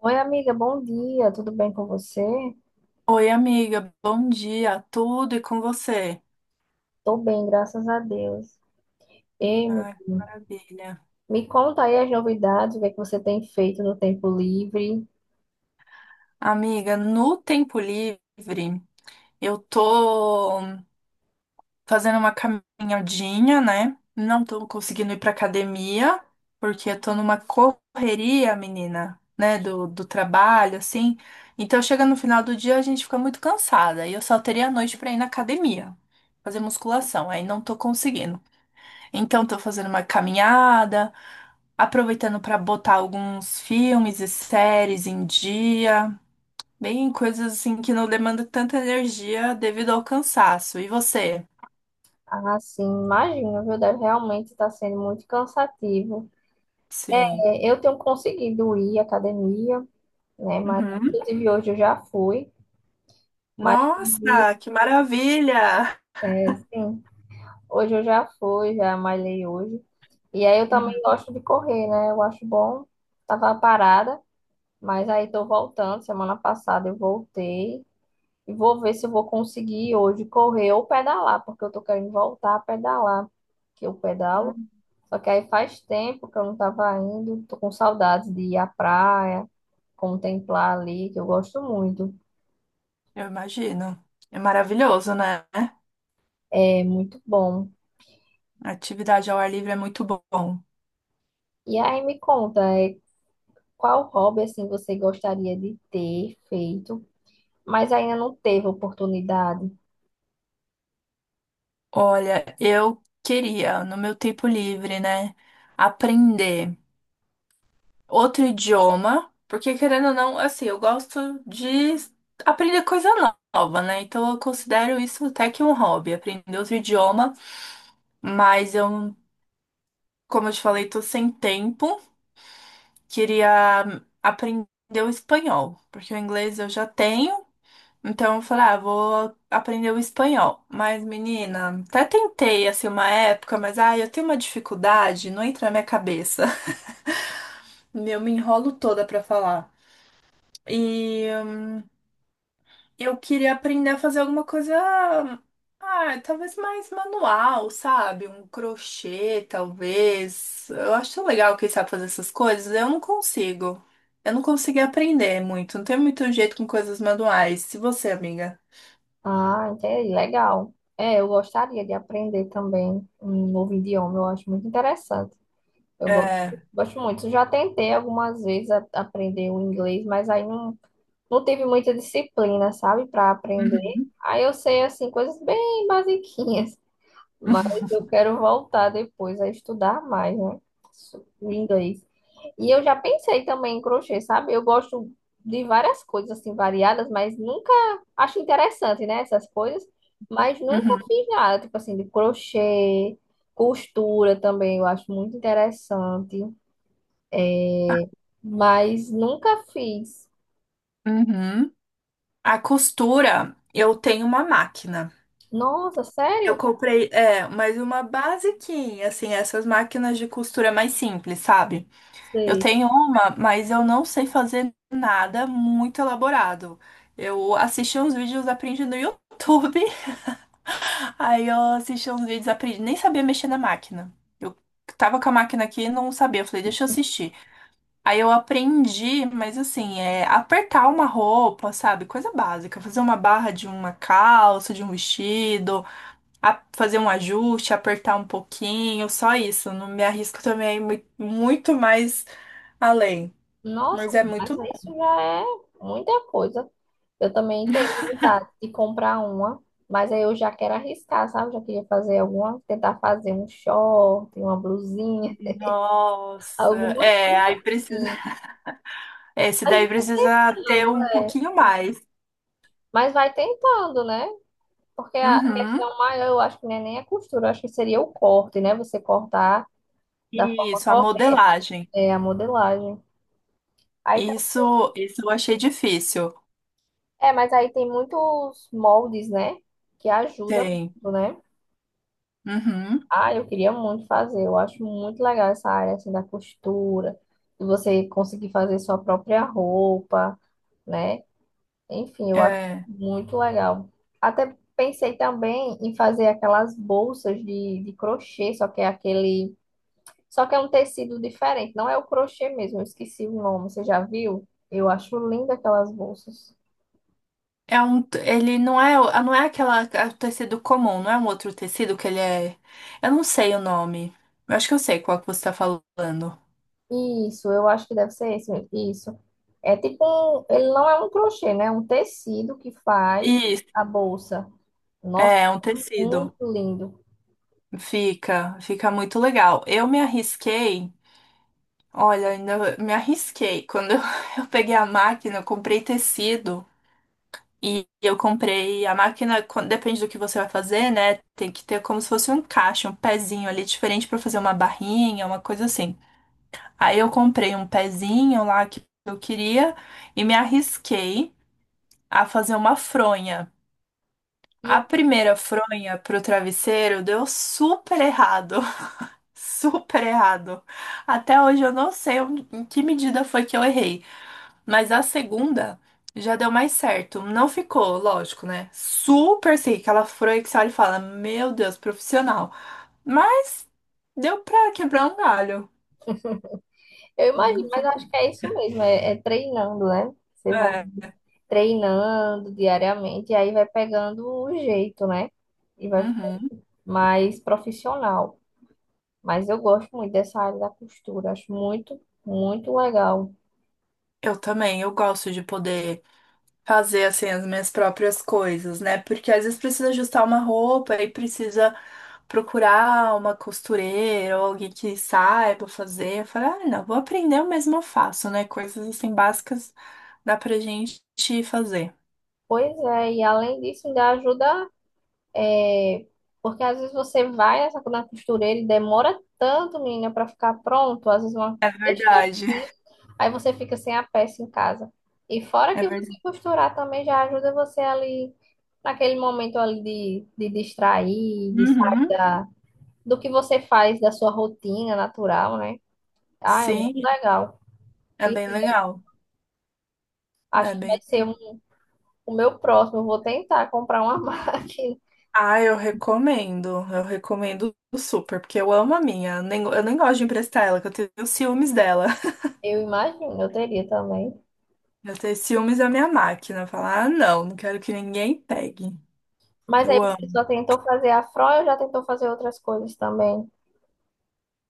Oi, amiga, bom dia, tudo bem com você? Oi, amiga, bom dia, tudo e com você? Tô bem, graças a Deus. E me, Ai, maravilha. me conta aí as novidades, o que é que você tem feito no tempo livre. Amiga, no tempo livre, eu tô fazendo uma caminhadinha, né? Não tô conseguindo ir pra academia, porque eu tô numa correria, menina, né? Do trabalho, assim. Então, chega no final do dia, a gente fica muito cansada, e eu só teria a noite pra ir na academia, fazer musculação, aí não tô conseguindo. Então, tô fazendo uma caminhada, aproveitando para botar alguns filmes e séries em dia, bem coisas assim que não demandam tanta energia devido ao cansaço. E você? Ah, sim, imagino, viu? Deve realmente estar sendo muito cansativo. Sim. É, eu tenho conseguido ir à academia, né? Mas, Uhum. inclusive, hoje eu já fui, mas, perdi, Nossa, que maravilha! é, sim, hoje eu já fui, já malhei hoje. E aí eu também gosto de correr, né? Eu acho bom, tava parada. Mas aí tô voltando, semana passada eu voltei e vou ver se eu vou conseguir hoje correr ou pedalar, porque eu tô querendo voltar a pedalar, que eu pedalo. Uhum. Só que aí faz tempo que eu não tava indo, tô com saudades de ir à praia, contemplar ali, que eu gosto muito, Eu imagino. É maravilhoso, né? é muito bom. Atividade ao ar livre é muito bom. E aí me conta, qual hobby assim você gostaria de ter feito, mas ainda não teve oportunidade? Olha, eu queria, no meu tempo livre, né, aprender outro idioma, porque querendo ou não, assim, eu gosto de aprender coisa nova, né? Então eu considero isso até que um hobby, aprender outro idioma, mas eu, como eu te falei, tô sem tempo, queria aprender o espanhol, porque o inglês eu já tenho. Então eu falei, ah, vou aprender o espanhol. Mas, menina, até tentei assim uma época, mas eu tenho uma dificuldade, não entra na minha cabeça. Eu me enrolo toda pra falar. E Eu queria aprender a fazer alguma coisa, ah, talvez mais manual, sabe? Um crochê, talvez. Eu acho tão legal quem sabe fazer essas coisas. Eu não consigo. Eu não consegui aprender muito. Não tenho muito jeito com coisas manuais. Se você, amiga. Ah, entendi. Legal. É, eu gostaria de aprender também um novo idioma, eu acho muito interessante. Eu go- É. gosto muito. Já tentei algumas vezes aprender o inglês, mas aí não, não tive muita disciplina, sabe, para aprender. Uhum. Aí eu sei, assim, coisas bem basiquinhas. Mas eu quero voltar depois a estudar mais, né? O inglês. E eu já pensei também em crochê, sabe? Eu gosto de várias coisas assim variadas, mas nunca acho interessante, né, essas coisas, mas nunca Uhum, fiz nada, tipo assim, de crochê, costura também, eu acho muito interessante, é, mas nunca fiz. uhum. A costura, eu tenho uma máquina. Nossa, Eu sério? comprei, é, mas uma basiquinha, assim, essas máquinas de costura mais simples, sabe? Eu Sei. tenho uma, mas eu não sei fazer nada muito elaborado. Eu assisti uns vídeos, aprendi no YouTube. Aí eu assisti uns vídeos, aprendi, nem sabia mexer na máquina. Eu tava com a máquina aqui e não sabia. Eu falei, deixa eu assistir. Aí eu aprendi, mas assim, é apertar uma roupa, sabe? Coisa básica. Fazer uma barra de uma calça, de um vestido, a- fazer um ajuste, apertar um pouquinho, só isso. Não me arrisco também muito mais além. Nossa, Mas é mas muito. isso já é muita coisa. Eu também tenho vontade de comprar uma, mas aí eu já quero arriscar, sabe? Já queria fazer alguma, tentar fazer um short, uma blusinha, Nossa, alguma é, coisa aí precisa, assim. esse Mas daí vai precisa ter tentando, um é. pouquinho mais. Mas vai tentando, né? Porque a Uhum. questão maior, eu acho que não é nem a costura, eu acho que seria o corte, né? Você cortar da forma Isso, a correta, modelagem. é, a modelagem. Aí, tá- Isso eu achei difícil. Mas aí tem muitos moldes, né? Que ajudam, Tem. muito, né? Uhum. Ah, eu queria muito fazer. Eu acho muito legal essa área assim da costura, de você conseguir fazer sua própria roupa, né? Enfim, eu acho É. muito legal. Até pensei também em fazer aquelas bolsas de crochê, só que é aquele, só que é um tecido diferente, não é o crochê mesmo, eu esqueci o nome, você já viu? Eu acho linda aquelas bolsas. É um, ele não é, não é aquela, é o tecido comum, não é um outro tecido que ele é. Eu não sei o nome. Eu acho que eu sei qual que você está falando. Isso, eu acho que deve ser esse mesmo. Isso. É tipo um, ele não é um crochê, né? É um tecido que faz Isso, a bolsa. Nossa, é, é um tecido. muito lindo. Fica, fica muito legal. Eu me arrisquei. Olha, ainda me arrisquei. Quando eu, eu peguei a máquina, eu comprei tecido e eu comprei a máquina, quan- depende do que você vai fazer, né? Tem que ter como se fosse um encaixe, um pezinho ali diferente pra fazer uma barrinha, uma coisa assim. Aí eu comprei um pezinho lá que eu queria e me arrisquei a fazer uma fronha. E é- A primeira fronha pro travesseiro deu super errado, super errado. Até hoje eu não sei onde- em que medida foi que eu errei. Mas a segunda já deu mais certo. Não ficou, lógico, né? Super seca. Ela furou que você olha e fala: Meu Deus, profissional. Mas deu pra quebrar um galho. eu Não imagino, mas eu foi- acho que é isso mesmo, é, é treinando, né? Você vai É. treinando diariamente e aí vai pegando o jeito, né? E vai ficar Uhum. mais profissional. Mas eu gosto muito dessa área da costura, acho muito, muito legal. Eu também, eu gosto de poder fazer assim as minhas próprias coisas, né? Porque às vezes precisa ajustar uma roupa e precisa procurar uma costureira ou alguém que saiba fazer. Eu falo, ah, não, vou aprender, eu mesma faço, né? Coisas assim básicas dá pra gente fazer. Pois é, e além disso, ainda ajuda. Porque às vezes você vai na costureira e demora tanto, menina, para ficar pronto. Às vezes uma É verdade, besteirinha. Aí você fica sem a peça em casa. E fora é que você verdade. costurar também já ajuda você ali, naquele momento ali de distrair, de sair Uhum. da, do que você faz, da sua rotina natural, né? Ah, é muito Sim, legal. é E bem legal. acho É que vai bem... ser o meu próximo. Eu vou tentar comprar uma máquina. Ah, eu recomendo. Eu recomendo super, porque eu amo a minha. Eu nem gosto de emprestar ela, que eu tenho ciúmes dela. Eu imagino, eu teria também. Eu tenho ciúmes da minha máquina. Falar, ah, não, quero que ninguém pegue. Mas aí Eu você amo. só tentou fazer afro ou já tentou fazer outras coisas também?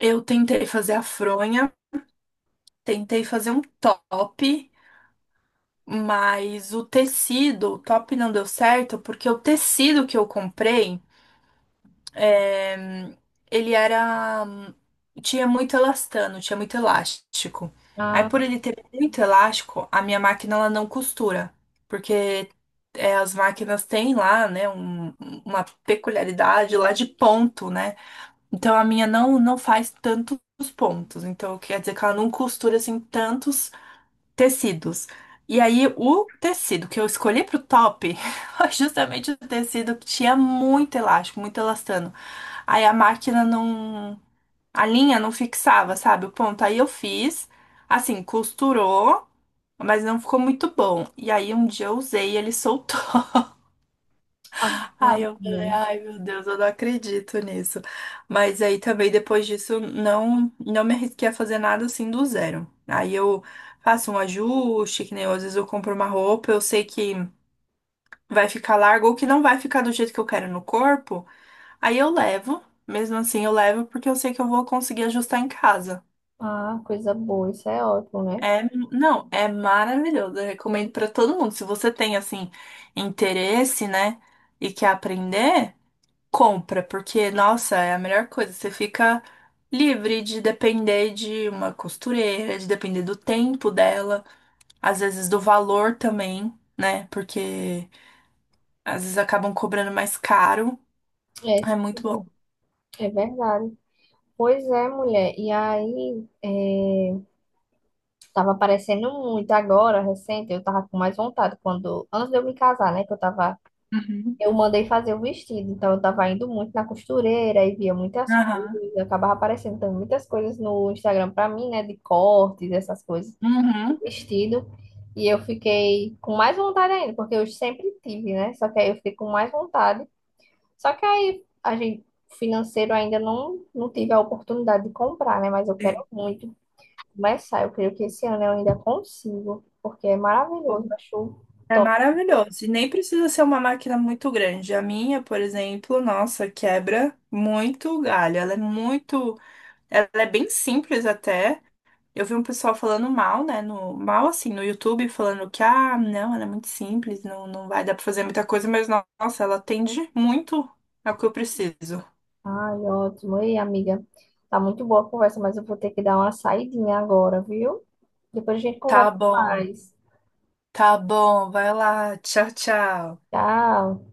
Eu tentei fazer a fronha, tentei fazer um top, mas o tecido, o top não deu certo, porque o tecido que eu comprei. É, ele era. Tinha muito elastano, tinha muito elástico. Aí, Ah, por ele ter muito elástico, a minha máquina ela não costura. Porque é, as máquinas têm lá, né, um- uma peculiaridade lá de ponto, né? Então a minha não faz tantos pontos. Então quer dizer que ela não costura assim tantos tecidos. E aí, o tecido que eu escolhi pro top foi justamente o tecido que tinha muito elástico, muito elastano. Aí a máquina não. A linha não fixava, sabe? O ponto. Aí eu fiz, assim, costurou, mas não ficou muito bom. E aí um dia eu usei e ele soltou. ah, ah, Aí eu falei, né? ai meu Deus, eu não acredito nisso. Mas aí também depois disso não me arrisquei a fazer nada assim do zero. Aí eu faço um ajuste, que nem eu, às vezes eu compro uma roupa, eu sei que vai ficar largo ou que não vai ficar do jeito que eu quero no corpo, aí eu levo. Mesmo assim eu levo porque eu sei que eu vou conseguir ajustar em casa. Ah, coisa boa, isso é ótimo, né? É, não, é maravilhoso. Eu recomendo pra todo mundo. Se você tem assim interesse, né, e quer aprender, compra, porque, nossa, é a melhor coisa. Você fica livre de depender de uma costureira, de depender do tempo dela, às vezes do valor também, né? Porque às vezes acabam cobrando mais caro. É, É muito bom. é verdade. Pois é, mulher. Tava aparecendo muito agora, recente, eu tava com mais vontade quando, antes de eu me casar, né, que eu tava, Uhum. eu mandei fazer o vestido, então eu tava indo muito na costureira e via muitas Aham. coisas, acabava aparecendo também muitas coisas no Instagram pra mim, né, de cortes, essas coisas. Uhum. Vestido. E eu fiquei com mais vontade ainda, porque eu sempre tive, né? Só que aí eu fiquei com mais vontade. Só que aí a gente financeiro ainda não tive a oportunidade de comprar, né? Mas eu quero É. muito começar. Eu creio que esse ano eu ainda consigo, porque é maravilhoso. Eu acho É top. maravilhoso. E nem precisa ser uma máquina muito grande. A minha, por exemplo, nossa, quebra muito galho. Ela é muito. Ela é bem simples até. Eu vi um pessoal falando mal, né? No, mal assim, no YouTube, falando que, ah, não, ela é muito simples, não, não vai dar pra fazer muita coisa, mas no- nossa, ela atende muito ao que eu preciso. Ai, ótimo. Ei, amiga, tá muito boa a conversa, mas eu vou ter que dar uma saidinha agora, viu? Depois a gente Tá conversa bom, mais. tá bom, vai lá, tchau, tchau. Tchau.